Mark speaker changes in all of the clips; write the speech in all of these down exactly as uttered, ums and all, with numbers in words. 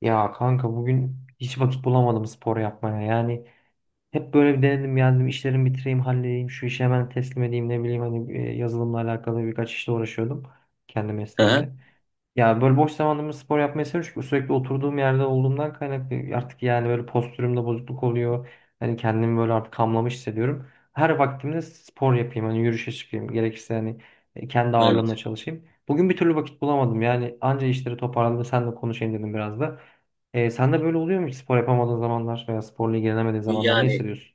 Speaker 1: Ya kanka bugün hiç vakit bulamadım spor yapmaya. Yani hep böyle bir denedim geldim işlerimi bitireyim halledeyim şu işi hemen teslim edeyim ne bileyim hani e, yazılımla alakalı birkaç işle uğraşıyordum kendi
Speaker 2: Hı hı,
Speaker 1: mesleğimle. Ya böyle boş zamanımda spor yapmayı seviyorum çünkü sürekli oturduğum yerde olduğumdan kaynaklı artık yani böyle postürümde bozukluk oluyor. Hani kendimi böyle artık hamlamış hissediyorum. Her vaktimde spor yapayım hani yürüyüşe çıkayım gerekirse hani e, kendi ağırlığımla
Speaker 2: evet.
Speaker 1: çalışayım. Bugün bir türlü vakit bulamadım yani anca işleri toparladım senle konuşayım dedim biraz da. Ee, sen de böyle oluyor mu hiç spor yapamadığın zamanlar veya sporla ilgilenemediğin zamanlar ne
Speaker 2: Yani
Speaker 1: hissediyorsun?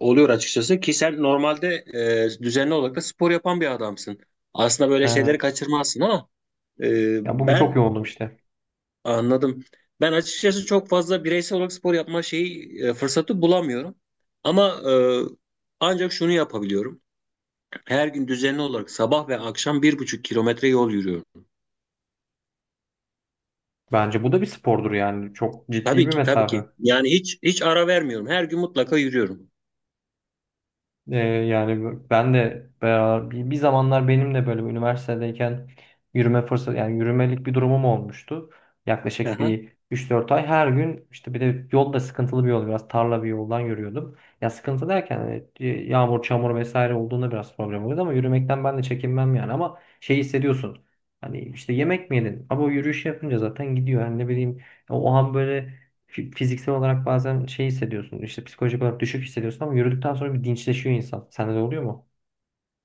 Speaker 2: oluyor açıkçası ki sen normalde e, düzenli olarak da spor yapan bir adamsın. Aslında böyle şeyleri
Speaker 1: Evet.
Speaker 2: kaçırmazsın, ama e,
Speaker 1: Ya bugün çok
Speaker 2: ben
Speaker 1: yoğundum işte.
Speaker 2: anladım. Ben açıkçası çok fazla bireysel olarak spor yapma şeyi e, fırsatı bulamıyorum. Ama e, ancak şunu yapabiliyorum. Her gün düzenli olarak sabah ve akşam bir buçuk kilometre yol yürüyorum.
Speaker 1: Bence bu da bir spordur yani çok ciddi
Speaker 2: Tabii
Speaker 1: bir
Speaker 2: ki, tabii
Speaker 1: mesafe.
Speaker 2: ki. Yani hiç hiç ara vermiyorum. Her gün mutlaka yürüyorum.
Speaker 1: Ee, yani ben de beraber, bir, bir zamanlar benim de böyle üniversitedeyken yürüme fırsatı yani yürümelik bir durumum olmuştu. Yaklaşık bir üç dört ay her gün işte bir de yol da sıkıntılı bir yol biraz tarla bir yoldan yürüyordum. Ya sıkıntı derken hani, e, yağmur çamur vesaire olduğunda biraz problem oluyordu ama yürümekten ben de çekinmem yani ama şey hissediyorsun. Hani işte yemek mi yedin? Ama o yürüyüş yapınca zaten gidiyor. Yani ne bileyim o an böyle fi- fiziksel olarak bazen şey hissediyorsun. İşte psikolojik olarak düşük hissediyorsun ama yürüdükten sonra bir dinçleşiyor insan. Sende de oluyor mu?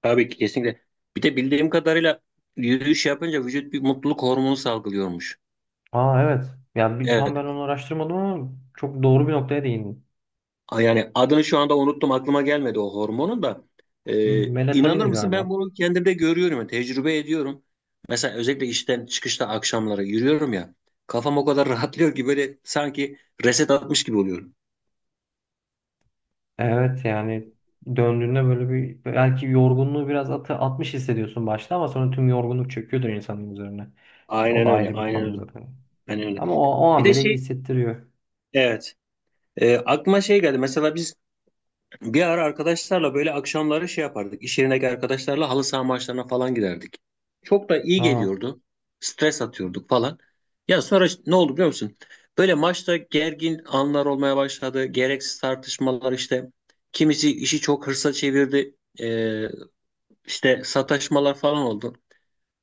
Speaker 2: Tabii ki kesinlikle. Bir de bildiğim kadarıyla yürüyüş yapınca vücut bir mutluluk hormonu salgılıyormuş.
Speaker 1: Aa evet. Yani bir, tam
Speaker 2: Evet.
Speaker 1: ben onu araştırmadım ama çok doğru bir noktaya değindin.
Speaker 2: A- Yani adını şu anda unuttum, aklıma gelmedi o hormonun da. Ee, inanır
Speaker 1: Melatonindi
Speaker 2: mısın, ben
Speaker 1: galiba.
Speaker 2: bunu kendimde görüyorum yani tecrübe ediyorum. Mesela özellikle işten çıkışta akşamları yürüyorum ya. Kafam o kadar rahatlıyor ki, böyle sanki reset atmış gibi oluyorum.
Speaker 1: Evet yani döndüğünde böyle bir belki yorgunluğu biraz atı, atmış hissediyorsun başta ama sonra tüm yorgunluk çöküyordur insanın üzerine. E, o
Speaker 2: Aynen
Speaker 1: da
Speaker 2: öyle,
Speaker 1: ayrı bir
Speaker 2: aynen
Speaker 1: konu
Speaker 2: öyle.
Speaker 1: zaten.
Speaker 2: Aynen öyle.
Speaker 1: Ama o, o
Speaker 2: Bir
Speaker 1: an
Speaker 2: de
Speaker 1: bile iyi
Speaker 2: şey,
Speaker 1: hissettiriyor.
Speaker 2: evet. Ee, aklıma şey geldi. Mesela biz Bir ara arkadaşlarla böyle akşamları şey yapardık. İş yerindeki arkadaşlarla halı saha maçlarına falan giderdik. Çok da iyi
Speaker 1: Aa.
Speaker 2: geliyordu. Stres atıyorduk falan. Ya sonra işte ne oldu biliyor musun? Böyle maçta gergin anlar olmaya başladı. Gereksiz tartışmalar işte. Kimisi işi çok hırsa çevirdi. Ee, işte sataşmalar falan oldu.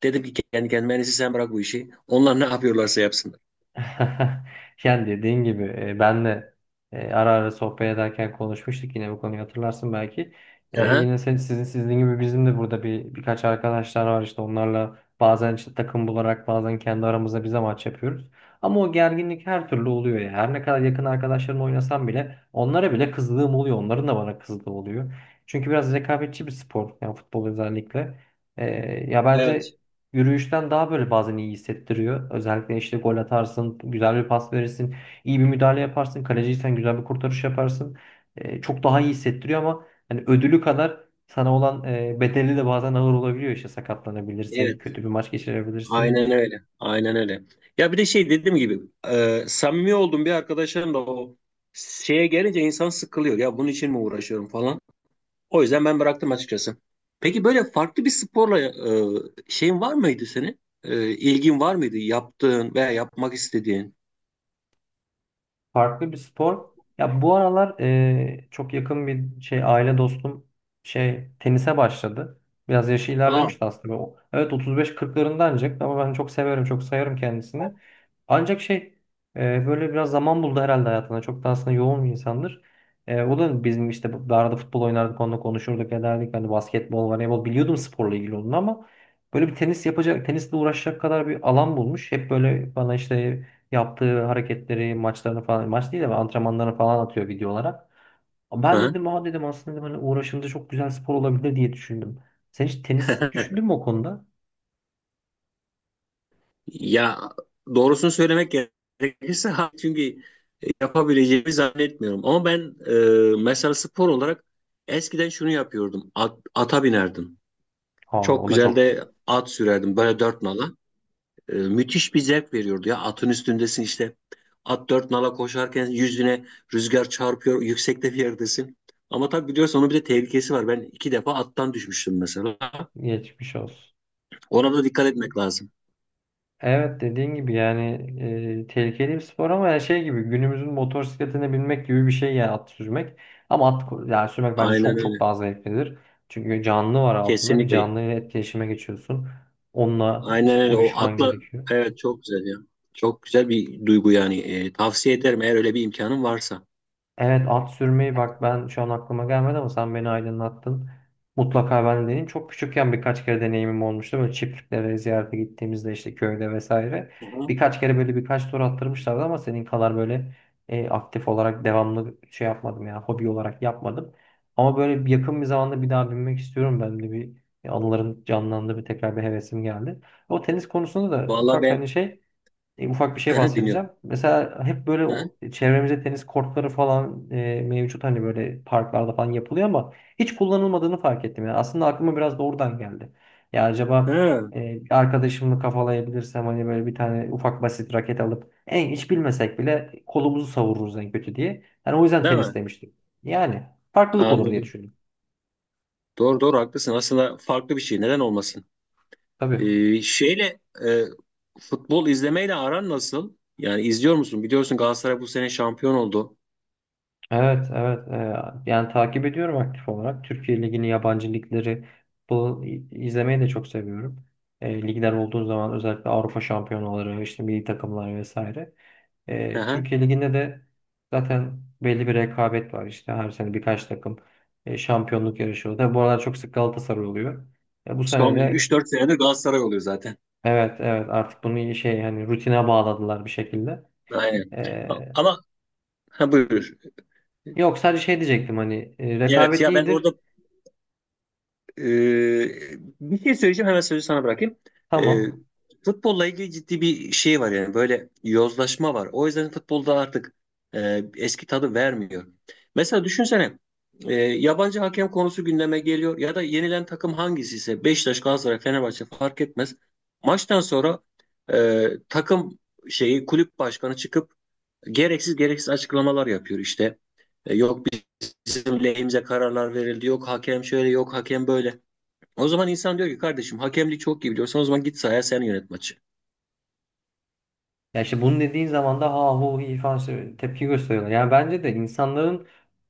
Speaker 2: Dedim ki kendi kendime, "En iyisi sen bırak bu işi. Onlar ne yapıyorlarsa yapsınlar.
Speaker 1: Yani dediğin gibi e, ben de e, ara ara sohbet ederken konuşmuştuk yine bu konuyu hatırlarsın belki. E,
Speaker 2: Aha.
Speaker 1: yine sen, sizin sizin gibi bizim de burada bir birkaç arkadaşlar var işte onlarla bazen işte takım bularak bazen kendi aramızda bize maç yapıyoruz. Ama o gerginlik her türlü oluyor ya. Her ne kadar yakın arkadaşlarımla oynasam bile onlara bile kızdığım oluyor. Onların da bana kızdığı oluyor. Çünkü biraz rekabetçi bir spor yani futbol özellikle. E, ya
Speaker 2: Evet.
Speaker 1: bence yürüyüşten daha böyle bazen iyi hissettiriyor. Özellikle işte gol atarsın, güzel bir pas verirsin, iyi bir müdahale yaparsın, kaleciysen güzel bir kurtarış yaparsın. Ee, çok daha iyi hissettiriyor ama hani ödülü kadar sana olan e, bedeli de bazen ağır olabiliyor. İşte sakatlanabilirsin,
Speaker 2: Evet.
Speaker 1: kötü bir maç geçirebilirsin.
Speaker 2: Aynen öyle. Aynen öyle. Ya bir de şey dediğim gibi e, samimi olduğum bir arkadaşım da o şeye gelince insan sıkılıyor. Ya bunun için mi uğraşıyorum falan. O yüzden ben bıraktım açıkçası. Peki böyle farklı bir sporla e, şeyin var mıydı senin? E, ilgin var mıydı? Yaptığın veya yapmak istediğin?
Speaker 1: Farklı bir spor. Ya bu aralar e, çok yakın bir şey aile dostum şey tenise başladı. Biraz yaşı
Speaker 2: Aa.
Speaker 1: ilerlemişti aslında. O, evet otuz beş kırklarında ancak ama ben çok severim, çok sayarım kendisini. Ancak şey e, böyle biraz zaman buldu herhalde hayatına. Çok da aslında yoğun bir insandır. E, o da bizim işte bu- arada futbol oynardık, onunla konuşurduk, ederdik. Hani basketbol, voleybol biliyordum sporla ilgili onun ama böyle bir tenis yapacak, tenisle uğraşacak kadar bir alan bulmuş. Hep böyle bana işte yaptığı hareketleri, maçlarını falan, maç değil de antrenmanlarını falan atıyor video olarak. Ben
Speaker 2: Hı.
Speaker 1: dedim aa dedim aslında dedim, hani uğraşınca çok güzel spor olabilir diye düşündüm. Sen hiç tenis düşündün mü o konuda?
Speaker 2: Ya doğrusunu söylemek gerekirse ha, çünkü yapabileceğimi zannetmiyorum. Ama ben e, mesela spor olarak eskiden şunu yapıyordum. At, ata binerdim.
Speaker 1: Ha o
Speaker 2: Çok
Speaker 1: da
Speaker 2: güzel
Speaker 1: çok
Speaker 2: de at sürerdim böyle dört nala. E, müthiş bir zevk veriyordu ya, atın üstündesin işte. At dört nala koşarken yüzüne rüzgar çarpıyor, yüksekte bir yerdesin. Ama tabii biliyorsun, onun bir de tehlikesi var. Ben iki defa attan düşmüştüm mesela.
Speaker 1: geçmiş olsun.
Speaker 2: Ona da dikkat etmek lazım.
Speaker 1: Evet dediğin gibi yani e, tehlikeli bir spor ama yani şey gibi günümüzün motosikletine binmek gibi bir şey yani at sürmek. Ama at ko- yani sürmek bence
Speaker 2: Aynen
Speaker 1: çok çok
Speaker 2: öyle.
Speaker 1: daha zevklidir. Çünkü canlı var altında bir
Speaker 2: Kesinlikle.
Speaker 1: canlı ile etkileşime geçiyorsun. Onunla işte
Speaker 2: Aynen öyle. O
Speaker 1: uyuşman
Speaker 2: atla,
Speaker 1: gerekiyor.
Speaker 2: evet, çok güzel ya. Çok güzel bir duygu yani. E, tavsiye ederim eğer öyle bir imkanın varsa.
Speaker 1: Evet at sürmeyi bak ben şu an aklıma gelmedi ama sen beni aydınlattın. Mutlaka ben de deneyeyim. Çok küçükken birkaç kere deneyimim olmuştu. Böyle çiftliklere ziyarete gittiğimizde işte köyde vesaire.
Speaker 2: Hı hı.
Speaker 1: Birkaç kere böyle birkaç tur attırmışlardı ama senin kadar böyle e, aktif olarak devamlı şey yapmadım ya hobi olarak yapmadım. Ama böyle bir yakın bir zamanda bir daha binmek istiyorum. Ben de bir bir anılarım canlandı bir tekrar bir hevesim geldi. O tenis konusunda da
Speaker 2: Vallahi
Speaker 1: ufak
Speaker 2: ben
Speaker 1: hani şey e, ufak bir şey
Speaker 2: dinliyorum.
Speaker 1: bahsedeceğim. Mesela hep böyle
Speaker 2: Hı hı.
Speaker 1: o- çevremizde tenis kortları falan e, mevcut hani böyle parklarda falan yapılıyor ama hiç kullanılmadığını fark ettim. Yani aslında aklıma biraz da oradan geldi. Ya acaba
Speaker 2: Ha,
Speaker 1: e, bir arkadaşımı kafalayabilirsem hani böyle bir tane ufak basit raket alıp en hiç bilmesek bile kolumuzu savururuz en kötü diye. Yani o yüzden
Speaker 2: değil
Speaker 1: tenis
Speaker 2: mi?
Speaker 1: demiştim. Yani farklılık olur diye
Speaker 2: Anladım.
Speaker 1: düşündüm.
Speaker 2: Doğru doğru haklısın. Aslında farklı bir şey. Neden olmasın?
Speaker 1: Tabii.
Speaker 2: E, şeyle e, Futbol izlemeyle aran nasıl? Yani izliyor musun? Biliyorsun, Galatasaray bu sene şampiyon oldu.
Speaker 1: Evet, evet. e, Yani takip ediyorum aktif olarak. Türkiye Ligi'ni, yabancı ligleri bu izlemeyi de çok seviyorum. E, ligler olduğu zaman özellikle Avrupa şampiyonaları, işte milli takımlar vesaire.
Speaker 2: Hı
Speaker 1: E,
Speaker 2: hı.
Speaker 1: Türkiye Ligi'nde de zaten belli bir rekabet var. İşte her sene birkaç takım e, şampiyonluk yarışıyor. Tabii bu aralar çok sık Galatasaray oluyor. E, bu sene
Speaker 2: Son
Speaker 1: de
Speaker 2: üç dört senedir Galatasaray oluyor zaten.
Speaker 1: evet, evet artık bunu iyi şey hani rutine bağladılar bir şekilde.
Speaker 2: Aynen.
Speaker 1: E,
Speaker 2: Ama ha, buyur.
Speaker 1: yok sadece şey diyecektim hani e,
Speaker 2: Evet
Speaker 1: rekabet
Speaker 2: ya, ben
Speaker 1: iyidir.
Speaker 2: orada Ee, bir şey söyleyeceğim, hemen sözü sana bırakayım. Ee,
Speaker 1: Tamam.
Speaker 2: Futbolla ilgili ciddi bir şey var, yani böyle yozlaşma var. O yüzden futbolda artık e, eski tadı vermiyor. Mesela düşünsene, e, yabancı hakem konusu gündeme geliyor ya da yenilen takım hangisi ise Beşiktaş, Galatasaray, Fenerbahçe fark etmez. Maçtan sonra e, takım şeyi kulüp başkanı çıkıp gereksiz gereksiz açıklamalar yapıyor işte. E, Yok bizim lehimize kararlar verildi, yok hakem şöyle, yok hakem böyle. O zaman insan diyor ki, kardeşim, hakemlik çok iyi biliyorsan o zaman git sahaya sen yönet maçı.
Speaker 1: Ya işte bunu dediğin zaman da ha hu hi falan şey- tepki gösteriyorlar. Yani bence de insanların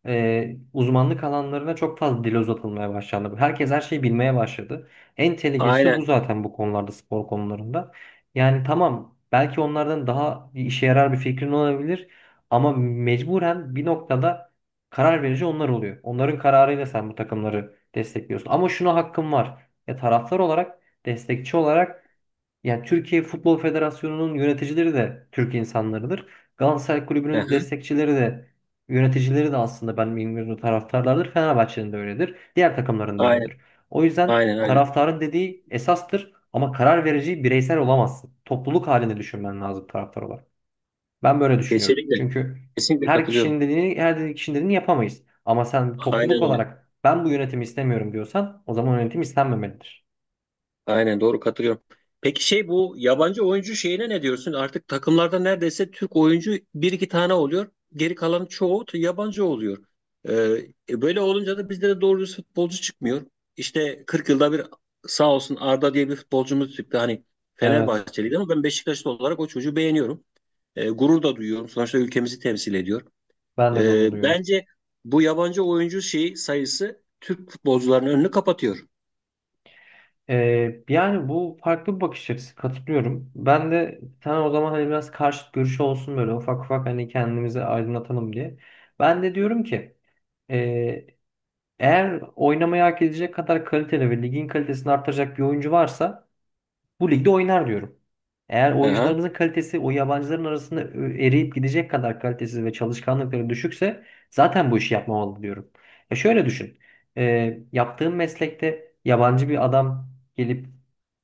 Speaker 1: e, uzmanlık alanlarına çok fazla dil uzatılmaya başlandı. Herkes her şeyi bilmeye başladı. En tehlikelisi de bu
Speaker 2: Aynen.
Speaker 1: zaten bu konularda spor konularında. Yani tamam belki onlardan daha bir işe yarar bir fikrin olabilir ama mecburen bir noktada karar verici onlar oluyor. Onların kararıyla sen bu takımları destekliyorsun. Ama şuna hakkım var. Ya taraftar olarak, destekçi olarak yani Türkiye Futbol Federasyonu'nun yöneticileri de Türk insanlarıdır. Galatasaray
Speaker 2: Hı
Speaker 1: Kulübü'nün
Speaker 2: hı.
Speaker 1: destekçileri de yöneticileri de aslında ben bilmiyorum taraftarlardır. Fenerbahçe'nin de öyledir. Diğer takımların da
Speaker 2: Aynen.
Speaker 1: öyledir. O yüzden
Speaker 2: Aynen aynen.
Speaker 1: taraftarın dediği esastır ama karar verici bireysel olamazsın. Topluluk halinde düşünmen lazım taraftar olarak. Ben böyle düşünüyorum.
Speaker 2: Kesinlikle.
Speaker 1: Çünkü
Speaker 2: Kesinlikle
Speaker 1: her
Speaker 2: katılıyorum.
Speaker 1: kişinin dediğini, her kişinin dediğini yapamayız. Ama sen
Speaker 2: Aynen
Speaker 1: topluluk
Speaker 2: öyle.
Speaker 1: olarak ben bu yönetimi istemiyorum diyorsan o zaman yönetim istenmemelidir.
Speaker 2: Aynen doğru katılıyorum. Peki şey, bu yabancı oyuncu şeyine ne diyorsun? Artık takımlarda neredeyse Türk oyuncu bir iki tane oluyor. Geri kalan çoğu t- yabancı oluyor. Ee, e, Böyle olunca da bizde de doğru düz futbolcu çıkmıyor. İşte kırk yılda bir sağ olsun Arda diye bir futbolcumuz çıktı. Hani
Speaker 1: Evet,
Speaker 2: Fenerbahçeliydi ama ben Beşiktaşlı olarak o çocuğu beğeniyorum. E, gurur da duyuyorum. Sonuçta ülkemizi temsil ediyor.
Speaker 1: ben de
Speaker 2: E,
Speaker 1: gurur duyuyorum.
Speaker 2: bence bu yabancı oyuncu şeyi sayısı Türk futbolcularının önünü kapatıyor.
Speaker 1: Ee, yani bu farklı bir bakış açısı katılıyorum. Ben de sen o zaman hani biraz karşıt görüşü olsun böyle ufak ufak hani kendimizi aydınlatalım diye. Ben de diyorum ki e, eğer oynamayı hak edecek kadar kaliteli ve ligin kalitesini artıracak bir oyuncu varsa bu ligde oynar diyorum. Eğer
Speaker 2: Aha,
Speaker 1: oyuncularımızın kalitesi o yabancıların arasında ö- eriyip gidecek kadar kalitesiz ve çalışkanlıkları düşükse zaten bu işi yapmamalı diyorum. E şöyle düşün. E, yaptığın meslekte yabancı bir adam gelip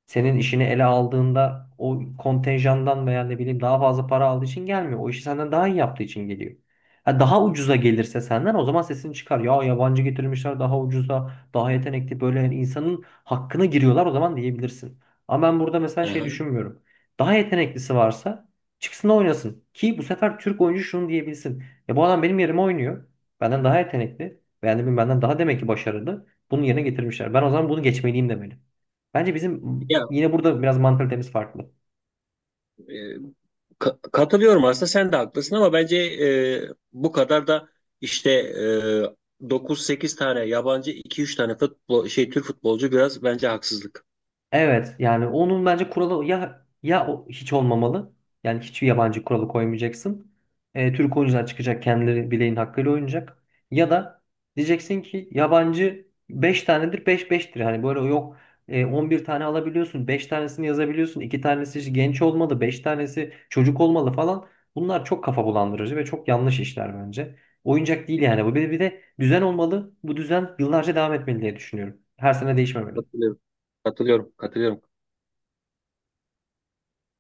Speaker 1: senin işini ele aldığında o kontenjandan veya ne bileyim daha fazla para aldığı için gelmiyor. O işi senden daha iyi yaptığı için geliyor. Ha, daha ucuza gelirse senden o zaman sesini çıkar. Ya yabancı getirmişler daha ucuza, daha yetenekli böyle yani insanın hakkına giriyorlar o zaman diyebilirsin. Ama ben burada mesela şey
Speaker 2: aha.
Speaker 1: düşünmüyorum. Daha yeteneklisi varsa çıksın oynasın. Ki bu sefer Türk oyuncu şunu diyebilsin. Ya bu adam benim yerime oynuyor. Benden daha yetenekli. Yani benden daha demek ki başarılı. Bunun yerine getirmişler. Ben o zaman bunu geçmeliyim demeli. Bence bizim
Speaker 2: Ya
Speaker 1: yine burada biraz mantalitemiz farklı.
Speaker 2: e, ka- katılıyorum aslında, sen de haklısın, ama bence e, bu kadar da işte e, dokuz sekiz tane yabancı, iki üç tane futbol şey Türk futbolcu biraz bence haksızlık.
Speaker 1: Evet yani onun bence kuralı ya ya o- hiç olmamalı. Yani hiçbir yabancı kuralı koymayacaksın. Ee, Türk oyuncular çıkacak kendileri bileğin hakkıyla oynayacak. Ya da diyeceksin ki yabancı beş tanedir beş beştir. Hani böyle yok e, on bir tane alabiliyorsun beş tanesini yazabiliyorsun iki tanesi işte genç olmalı beş tanesi çocuk olmalı falan. Bunlar çok kafa bulandırıcı ve çok yanlış işler bence. Oyuncak değil yani bu bir, bir de düzen olmalı. Bu düzen yıllarca devam etmeli diye düşünüyorum. Her sene değişmemeli.
Speaker 2: Katılıyorum. Katılıyorum. Katılıyorum.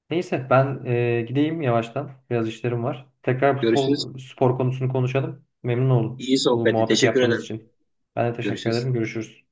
Speaker 1: Neyse ben e, gideyim yavaştan. Biraz işlerim var. Tekrar
Speaker 2: Görüşürüz.
Speaker 1: futbol spor konusunu konuşalım. Memnun oldum
Speaker 2: İyi
Speaker 1: bu
Speaker 2: sohbetti.
Speaker 1: muhabbeti
Speaker 2: Teşekkür
Speaker 1: yaptığımız
Speaker 2: ederim.
Speaker 1: için. Ben de teşekkür
Speaker 2: Görüşürüz.
Speaker 1: ederim. Görüşürüz.